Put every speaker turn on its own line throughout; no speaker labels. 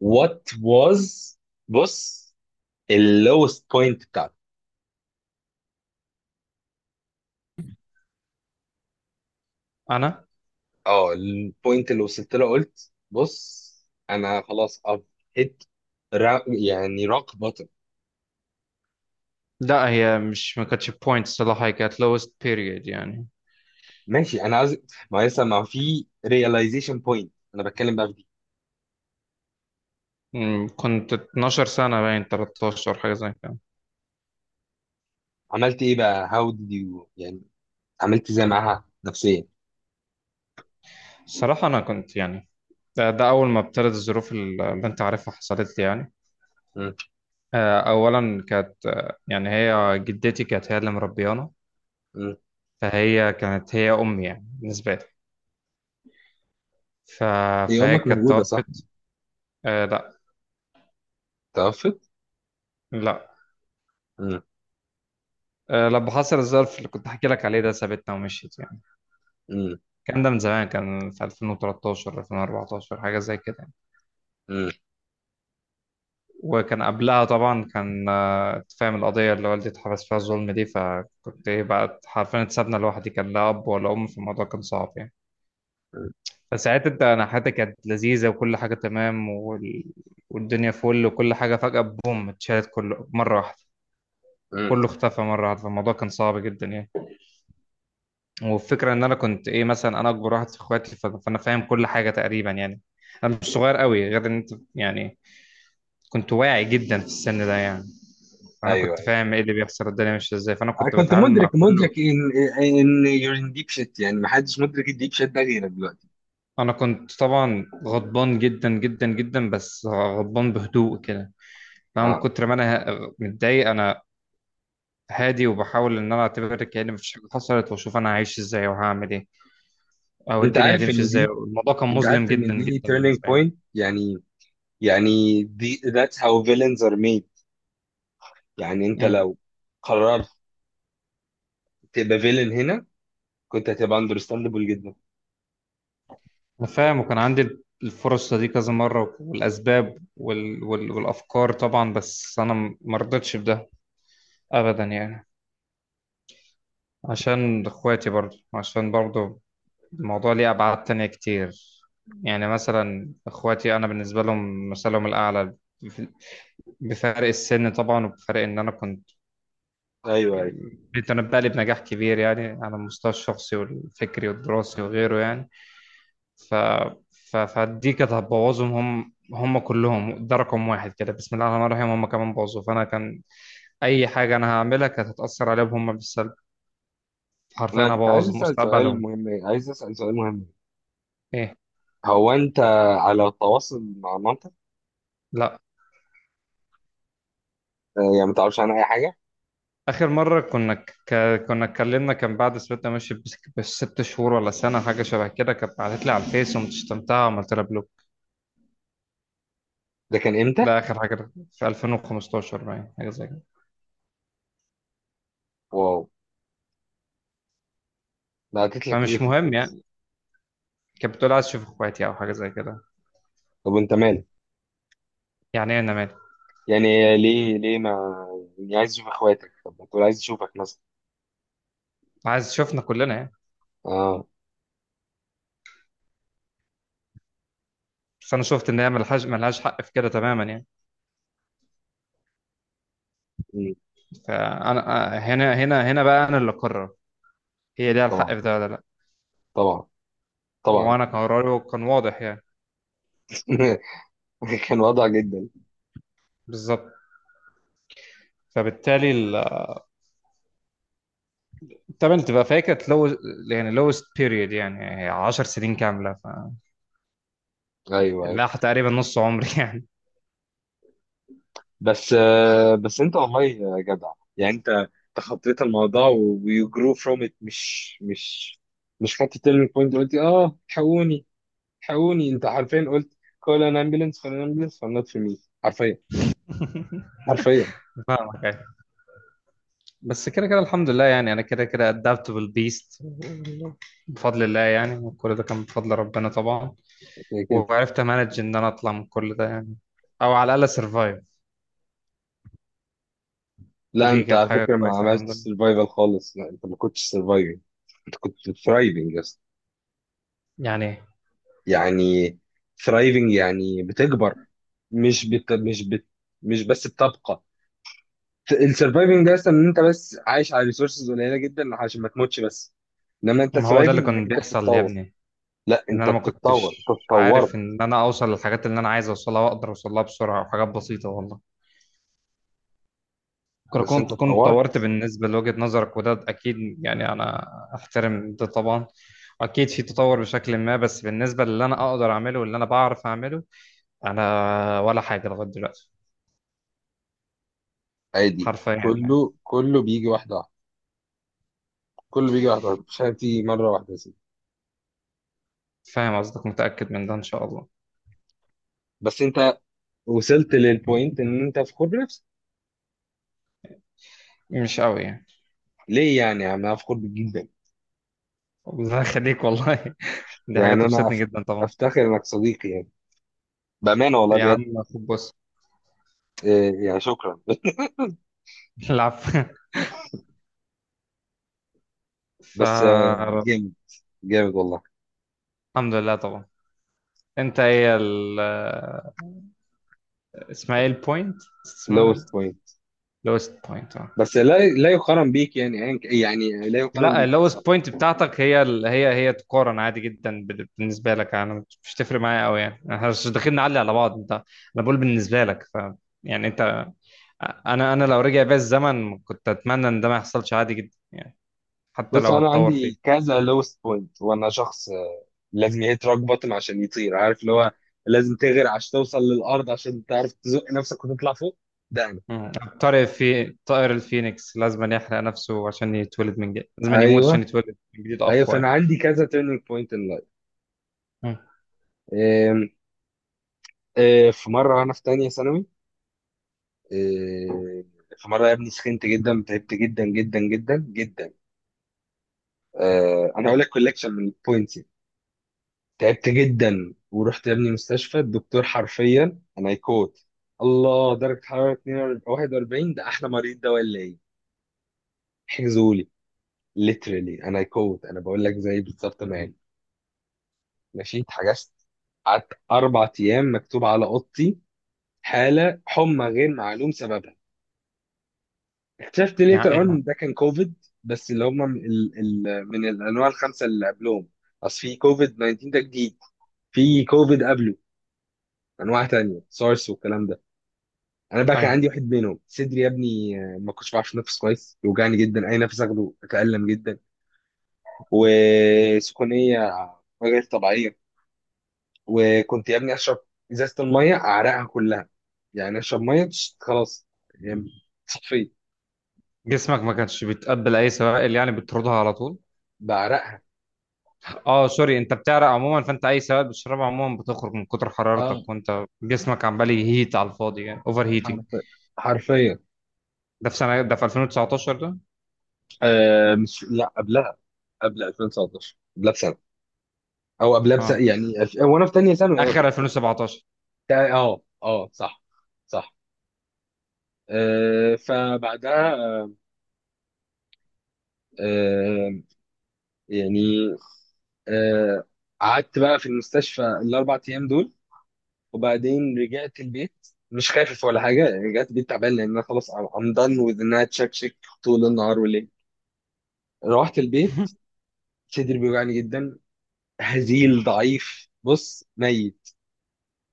وات واز، بص اللوست بوينت بتاعتي.
انا
اه، البوينت اللي وصلت له قلت بص، انا خلاص اب هيت را... يعني روك بوتم.
لا، هي مش ما كانتش بوينت صراحه، هي كانت لوست بيريد يعني.
ماشي انا عايز. ما هي لسه ما في ريلايزيشن بوينت انا بتكلم بقى في دي.
كنت 12 سنه باين 13 حاجه زي كده.
عملت ايه بقى؟ هاو ديد يو يعني، عملت ازاي معاها نفسيا؟
الصراحه انا كنت يعني ده اول ما ابتدت الظروف اللي انت عارفها حصلت لي يعني.
مم.
اولا كانت يعني هي جدتي كانت هي اللي مربيانا،
مم.
فهي كانت هي امي يعني بالنسبه لي. ف...
هي
فهي
امك
كانت
موجوده صح؟
توفت. آه لا.
توفت؟
لا.
مم.
لما حصل الظرف اللي كنت احكي لك عليه ده سابتنا ومشيت يعني.
مم.
كان ده من زمان، كان في 2013 2014 حاجة زي كده يعني.
مم.
وكان قبلها طبعا كان، أنت فاهم القضية اللي والدي اتحبس فيها، الظلم دي. فكنت ايه بقى؟ حرفيا اتسابنا لوحدي، كان لا أب ولا أم في الموضوع، كان صعب يعني.
مم.
فساعتها انت، انا حياتي كانت لذيذة وكل حاجة تمام والدنيا فل وكل حاجة، فجأة بوم، اتشالت كله مرة واحدة،
مم.
كله اختفى مرة واحدة، فالموضوع كان صعب جدا يعني. والفكرة ان انا كنت ايه، مثلا انا اكبر واحد في اخواتي فانا فاهم كل حاجة تقريبا يعني، انا مش صغير قوي، غير ان انت يعني كنت واعي جدا في السن ده يعني. فانا
ايوه،
كنت
أيوه.
فاهم ايه اللي بيحصل، الدنيا ماشيه ازاي، فانا
انا
كنت
كنت
بتعامل
مدرك
مع
مدرك
كله.
ان، ان يور ان ديب شيت، يعني ما حدش مدرك الديب شيت ده غيرك دلوقتي.
انا كنت طبعا غضبان جدا جدا جدا، بس غضبان بهدوء كده. انا من
اه.
كتر ما انا متضايق، انا هادي وبحاول ان انا اعتبر كأن مفيش حاجه حصلت، واشوف انا هعيش ازاي وهعمل ايه، او
انت
الدنيا
عارف
هتمشي
ان
ازاي.
دي
الموضوع كان
انت عارف
مظلم
ان
جدا جدا
دي turning
بالنسبه لي.
point يعني، يعني دي that's how villains are made. يعني انت
مم.
لو قررت تبقى villain هنا، كنت هتبقى understandable جدا.
انا فاهم، وكان عندي الفرصة دي كذا مرة، والأسباب والأفكار طبعا، بس أنا مرضتش بده أبدا يعني. عشان اخواتي، برضو، عشان برضو الموضوع ليه ابعاد تانية كتير. يعني مثلا اخواتي انا بالنسبة لهم مثلهم الاعلى، بف- بفرق السن طبعا، وبفرق ان انا كنت
ايوه ايوه.
متنبأ لي بنجاح كبير يعني على المستوى الشخصي والفكري والدراسي وغيره يعني. ف... فدي كانت هتبوظهم هم، كلهم، ده رقم واحد كده، بسم الله الرحمن الرحيم. هم كمان بوظوا، فانا كان اي حاجة انا هعملها كانت هتأثر عليهم هم بالسلب، حرفيا
انا كنت عايز
هبوظ
اسال سؤال
مستقبلهم.
مهم، عايز اسال سؤال مهم.
ايه.
هو انت على تواصل مع مامتك؟
لا.
آه، يعني ما تعرفش عنها اي حاجه؟
آخر مرة كنا اتكلمنا، كان بعد سبتنا ماشي، بست شهور ولا سنة حاجة شبه كده. كانت بعتت لي على الفيس، وما شتمتها وعملت لها بلوك.
ده كان امتى؟
ده آخر حاجة، في 2015 باين حاجة زي كده.
واو. ده قالت لك ايه
فمش
في
مهم
الفلوس؟
يعني، كانت بتقول عايز أشوف إخواتي أو حاجة زي كده.
طب انت مالك؟
يعني إيه أنا مالي؟
يعني ليه ما، يعني عايز اشوف اخواتك، طب ما تقول عايز اشوفك مثلا.
عايز شوفنا كلنا يعني.
اه.
بس أنا شفت إن هي ملهاش، ملهاش حق في كده تماما يعني.
مم.
فأنا هنا هنا هنا بقى أنا اللي أقرر، هي ليها الحق
طبعا،
في ده ولا لأ.
طبعا، طبعا.
وأنا كان قراري كان واضح يعني.
كان وضع جدا.
بالظبط. فبالتالي، طب انت بقى فاكر؟ لو يعني lowest period، يعني 10 سنين كامله ف...
ايوه ايوه.
لا، تقريبا نص عمري يعني.
بس آه، بس انت والله يا جدع، يعني انت تخطيت الموضوع ويو جرو فروم ات. مش خدت تيرنينج بوينت، قلت اه حقوني حقوني، انت حرفيا قلت كول ان امبيلنس، كول ان امبيلنس، فنوت في مي حرفيا، حرفيا.
فاهمك يعني. بس كده كده الحمد لله يعني، انا كده كده adaptable beast بفضل الله يعني. كل ده كان بفضل ربنا طبعا.
كده،
وعرفت امانج ان انا اطلع من كل ده يعني، او على الاقل سرفايف.
لا
ودي
انت
كانت
على
حاجه
فكره ما
كويسه الحمد
عملتش
لله.
سرفايفل خالص، لا انت ما كنتش سرفايفل. انت كنت ثرايفنج يا اسطى.
يعني
يعني ثرايفنج يعني بتكبر، مش بت... مش بت... مش بس بتبقى. السرفايفنج ده اصلا ان انت بس عايش على ريسورسز قليله جدا عشان ما تموتش بس، انما انت
ما هو ده اللي
ثرايفنج، انك
كان
انت
بيحصل يا
بتتطور.
ابني،
لا
ان
انت
انا ما
بتتطور، انت
كنتش
اتطورت.
عارف ان انا اوصل للحاجات اللي انا عايز اوصلها، واقدر اوصلها بسرعه وحاجات بسيطه والله.
بس انت
كنت، كنت
اتطورت.
طورت بالنسبة لوجهة نظرك، وده أكيد يعني، أنا أحترم ده طبعا. أكيد في تطور بشكل ما، بس بالنسبة للي أنا أقدر أعمله واللي أنا بعرف أعمله، أنا ولا حاجة لغاية دلوقتي.
عادي،
حرفيا يعني.
كله بيجي واحده واحده. كله بيجي واحده واحده، مش حاجه بتيجي مره واحده يا سيدي.
فاهم قصدك، متأكد من ده إن شاء الله.
بس انت وصلت للبوينت ان انت فخور بنفسك؟
مش قوي يعني.
ليه يعني يا عم، انا فخور بيك جدا.
الله يخليك والله. دي
يعني
حاجة
انا
تبسطني جدا طبعا.
افتخر انك صديقي، بأمانة والله
يا
بجد.
عم، خد، بص.
إيه، يعني شكرا.
العفو.
بس آه،
فالحمد
جامد، جامد والله.
لله طبعا. أنت إيه ال... اسمها إيه البوينت؟ اسمها...
lowest point.
لوست بوينت آه.
بس لا لا يقارن بيك، يعني يعني لا يقارن
لا،
بيك بصراحة.
اللوست بوينت بتاعتك، هي هي تقارن عادي جدا بالنسبه لك. انا مش تفرق معايا قوي يعني، احنا مش داخلين نعلي على بعض. انت، انا بقول بالنسبه لك ف... يعني انت، انا لو رجع بيا الزمن كنت اتمنى ان ده ما يحصلش عادي جدا، حتى
بص
لو
أنا
هتطور
عندي
فيه.
كذا lowest point، وأنا شخص آه، لازم يهيت روك بوتم عشان يطير، عارف اللي هو. لازم تغرق عشان توصل للأرض، عشان تعرف تزق نفسك وتطلع فوق. ده أنا.
مم. طارق في طائر الفينيكس لازم يحرق نفسه عشان يتولد من جديد، لازم يموت عشان
أيوه
يتولد من جديد
أيوه.
اقوى
فأنا
يعني.
عندي كذا turning point in life.
مم.
إيه، إيه، في مرة وأنا في تانية ثانوي. إيه، في مرة يا ابني سخنت جدا، تعبت جدا جدا جدا جدا. آه، انا هقول لك كولكشن من البوينتس. تعبت جدا ورحت يا ابني مستشفى. الدكتور حرفيا انا يكوت الله، درجه حراره 42، 41، ده احلى مريض ده ولا ايه؟ حجزوا لي. ليترالي انا يكوت، انا بقول لك زي بالظبط ما قال. ماشي، اتحجزت. قعدت اربع ايام مكتوب على اوضتي حاله حمى غير معلوم سببها. اكتشفت
يعني
ليتر
ايه ده؟
اون ده كان كوفيد، بس اللي من الانواع الخمسه اللي قبلهم. اصل في كوفيد 19 ده جديد، في كوفيد قبله، انواع تانية سارس والكلام ده. انا بقى كان
ايوه.
عندي واحد منهم صدري يا ابني، آه، ما كنتش بعرف انفس كويس، يوجعني جدا اي نفس اخده، اتالم جدا. وسخونيه غير طبيعيه. وكنت يا ابني اشرب ازازه الميه اعرقها كلها، يعني اشرب ميه خلاص يعني صفي،
جسمك ما كانش بيتقبل اي سوائل يعني، بتطردها على طول.
بعرقها.
اه. سوري، انت بتعرق عموما، فانت اي سواد بتشربه عموما بتخرج، من كتر
اه
حرارتك وانت جسمك عمال يهيت على الفاضي، يعني اوفر هيتنج.
حرفيا، حرفيا.
ده في سنه، ده في 2019 ده؟
آه مش، لا قبلها، قبل 2019، قبلها بسنه او قبلها بسنه،
اه،
يعني وانا في تانية ثانوي، يعني
اخر 2017.
اه اه صح، صح. آه، فبعدها آه، آه، يعني آه، قعدت بقى في المستشفى الاربع ايام دول. وبعدين رجعت البيت مش خايف ولا حاجه، رجعت البيت تعبان لان انا خلاص I'm done with انها تشكشك طول النهار والليل. روحت البيت، صدري بيوجعني جدا، هزيل ضعيف بص، ميت.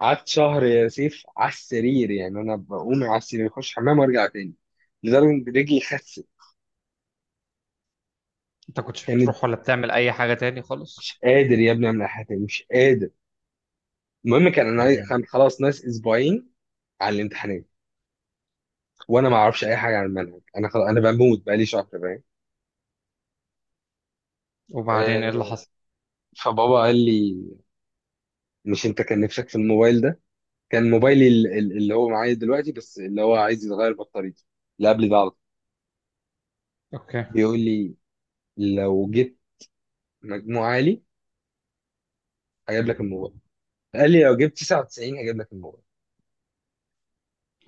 قعدت شهر يا سيف على السرير، يعني انا بقوم على السرير اخش الحمام وارجع تاني، لدرجه ان رجلي خست.
انت كنتش
كانت
بتروح ولا بتعمل اي حاجه تاني خالص؟
مش قادر يا ابني اعمل أي حاجه تاني، مش قادر. المهم كان
يا دين.
كان خلاص ناس اسبوعين على الامتحانات، وانا ما اعرفش اي حاجه عن المنهج، انا خلاص، انا بموت بقالي شهر، فاهم.
وبعدين ايه اللي
آه،
حصل؟
فبابا قال لي: مش انت كان نفسك في الموبايل ده؟ كان موبايلي اللي هو معايا دلوقتي، بس اللي هو عايز يتغير بطاريته، اللي قبل ده على طول.
اوكي.
بيقول لي لو جبت مجموع عالي هجيب لك الموبايل. قال لي لو جبت 99 هجيب لك الموبايل.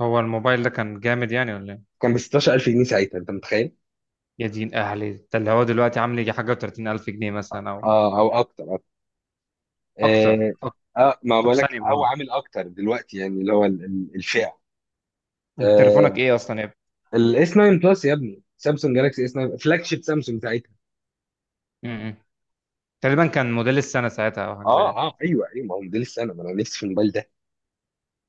هو الموبايل ده كان جامد يعني ولا ايه؟
كان ب 16000 جنيه ساعتها، انت متخيل؟
يا دين اهلي، ده اللي هو دلوقتي عامل يجي حاجه و30000 الف جنيه مثلا، او
اه او اكتر، اكتر.
اكتر
اه.
أكتر.
آه، ما
طب
بقولك
ثانيه، ما
او
هو
عامل اكتر دلوقتي، يعني اللي هو الفئه
انت تليفونك ايه اصلا يا ابني؟
الاس 9 بلس يا ابني، سامسونج جالاكسي اس 9، فلاج شيب سامسونج ساعتها.
م- م. تقريبا كان موديل السنه ساعتها او حاجه زي
اه
كده.
اه ايوه ايوه، ما هو موديل السنه، ما انا نفسي في الموبايل ده.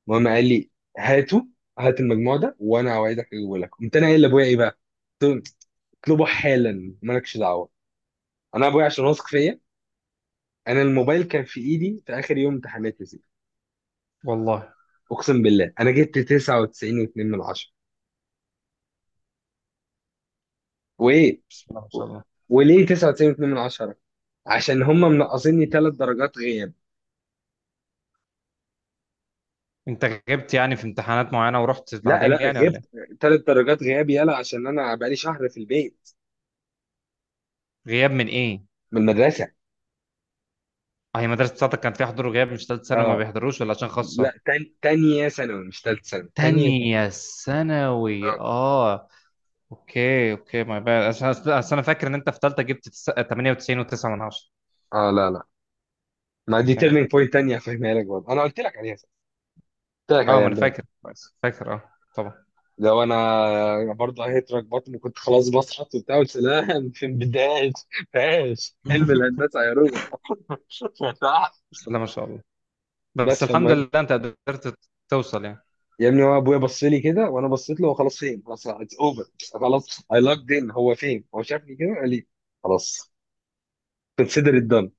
المهم قال لي هاته، هات المجموع ده وانا اوعدك اجيبه لك. قمت انا قايل لابويا ايه بقى؟ قلت له اطلبه حالا مالكش دعوه. انا ابويا عشان واثق فيا، انا الموبايل كان في ايدي في اخر يوم امتحانات يا سيدي.
والله.
اقسم بالله انا جبت 99.2 من 10. وايه؟
بسم الله ما شاء الله.
وليه 99.2 من 10؟ عشان هم منقصيني ثلاث درجات غياب.
انت غبت يعني في امتحانات معينة ورحت
لا لا
بعدين يعني ولا ايه؟
غبت، ثلاث درجات غياب يلا عشان انا بقالي شهر في البيت.
غياب من ايه؟
من المدرسه.
اه، هي مدرسة بتاعتك كان فيها حضور وغياب؟ مش تالتة ثانوي ما
اه
بيحضروش، ولا عشان
لا،
خاصة؟
تانية ثانوي مش ثالث ثانوي، تانية ثانوي.
تانية ثانوي، اه. اوكي اوكي، ما بقى عشان، أصل انا فاكر ان انت في تالتة جبت 98 و9 من 10.
اه اه لا لا، ما دي تيرنينج بوينت تانية هفهمها لك برضه، انا قلت لك عليها صح. قلت لك
اه
عليها
ما انا
امبارح.
فاكر، كويس فاكر، اه طبعا.
لو انا برضه هيترك بطني كنت خلاص بسقط وبتاع، قلت لا. في البداية فاش علم الهندسة يا روبا.
بسم الله ما شاء الله. بس
بس
الحمد
فالمهم.
لله انت قدرت توصل يعني.
يا ابني هو ابويا بص لي كده وانا بصيت له، هو خلاص فين، خلاص اتس اوفر، خلاص اي لاكد ان هو فين. هو شافني كده قال لي خلاص كونسيدر ات دان.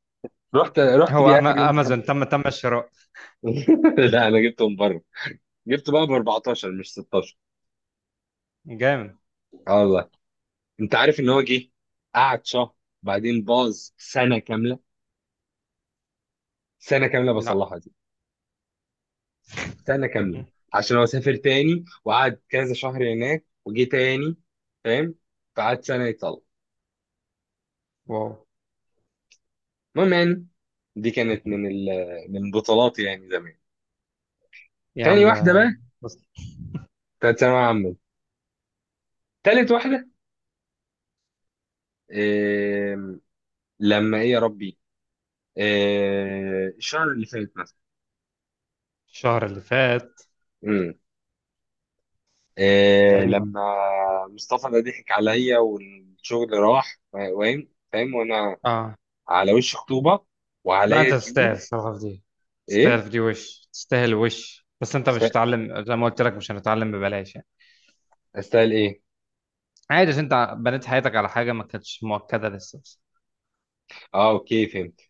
رحت
هو
بيه اخر يوم امتحان.
امازون، تم الشراء؟
لا انا جبته من بره، جبته بقى ب 14 مش 16.
جامد.
اه والله. انت عارف ان هو جه قعد شهر بعدين باظ سنه كامله. سنه كامله
لا.
بصلحها دي. سنه كامله، عشان هو سافر تاني وقعد كذا شهر هناك وجه تاني، فاهم. فقعد سنه يتصلح.
واو.
المهم يعني، دي كانت من من بطولاتي يعني زمان.
يا
تاني
عم.
واحده بقى،
بس،
بتاعت ثانويه عامه. تالت واحده، إيه... لما ايه يا ربي، إيه... الشهر اللي فات مثلا.
الشهر اللي فات؟
امم، إيه...
غريبا.
لما مصطفى ده ضحك عليا والشغل راح، فاهم فاهم. وانا
اه
على وش خطوبه
لا، انت
وعليا
تستاهل
ديون.
الصراحه في دي، تستاهل
ايه؟
في دي وش، تستاهل وش، بس انت مش
است-
هتتعلم زي ما قلت لك، مش هنتعلم ببلاش يعني.
استاهل ايه؟
عادي، عشان انت بنيت حياتك على حاجه ما كانتش مؤكده لسه بس,
اه اوكي فهمت.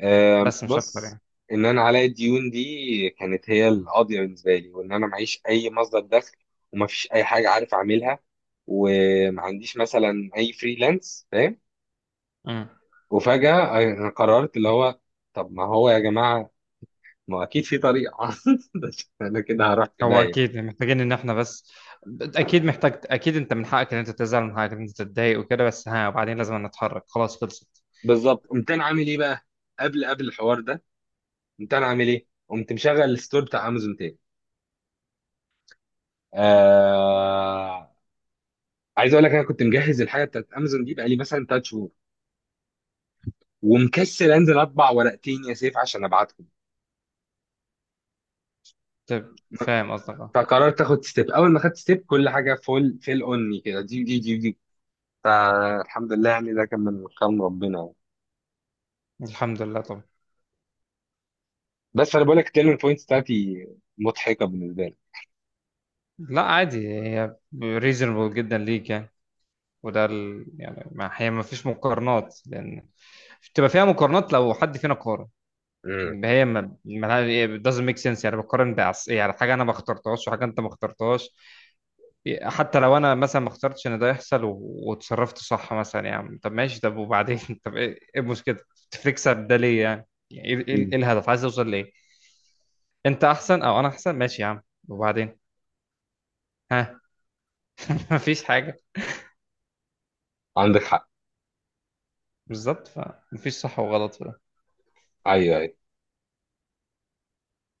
آه
بس مش اكتر
بص،
يعني.
ان انا عليا الديون دي كانت هي القاضيه بالنسبه لي، وان انا معيش اي مصدر دخل، وما فيش اي حاجه عارف اعملها، وما عنديش مثلا اي فريلانس، فاهم.
امم.
وفجاه انا قررت اللي هو، طب ما هو يا جماعه ما اكيد في طريقه. بس انا كده هروح في
هو
داهيه.
اكيد محتاجين ان احنا بس، اكيد محتاج، اكيد انت من حقك ان انت تزعل، من حقك ان انت تتضايق وكده، بس ها وبعدين، لازم نتحرك، خلاص خلصت.
بالظبط. قمت انا عامل ايه بقى؟ قبل الحوار ده قمت انا عامل ايه، قمت مشغل الستور بتاع امازون تاني. آه، عايز اقول لك انا كنت مجهز الحاجه بتاعت امازون دي بقالي مثلا ثلاث شهور، ومكسل انزل اطبع ورقتين يا سيف عشان ابعتهم.
طيب،
م-.
فاهم قصدك اه.
فقررت اخد ستيب، اول ما خدت ستيب كل حاجه فول فيل اوني كده، دي دي دي دي. فالحمد لله يعني، ده كان من كرم ربنا يعني.
الحمد لله طبعا.
بس انا بقول لك التيرنينج بوينتس بتاعتي مضحكه بالنسبه لي.
لا عادي، هي ريزونبل جدا ليك يعني. يعني ما هي ما فيش مقارنات، لان بتبقى فيها مقارنات لو حد فينا قارن.
امم.
هي ما ما- it doesn't make sense يعني، بقارن بعص يعني، حاجه انا ما اخترتهاش وحاجه انت ما اخترتهاش. حتى لو انا مثلا ما اخترتش ان ده يحصل و... وتصرفت صح مثلا، يعني طب ماشي، طب وبعدين؟ طب ايه إيه المشكله؟ تكسب ده ليه يعني؟ يعني ايه إيه الهدف؟ عايز اوصل ليه؟ انت احسن او انا احسن، ماشي يا عم، وبعدين؟ ها. مفيش حاجه.
عندك حق.
بالظبط، فمفيش صح وغلط.
ايوه ايوه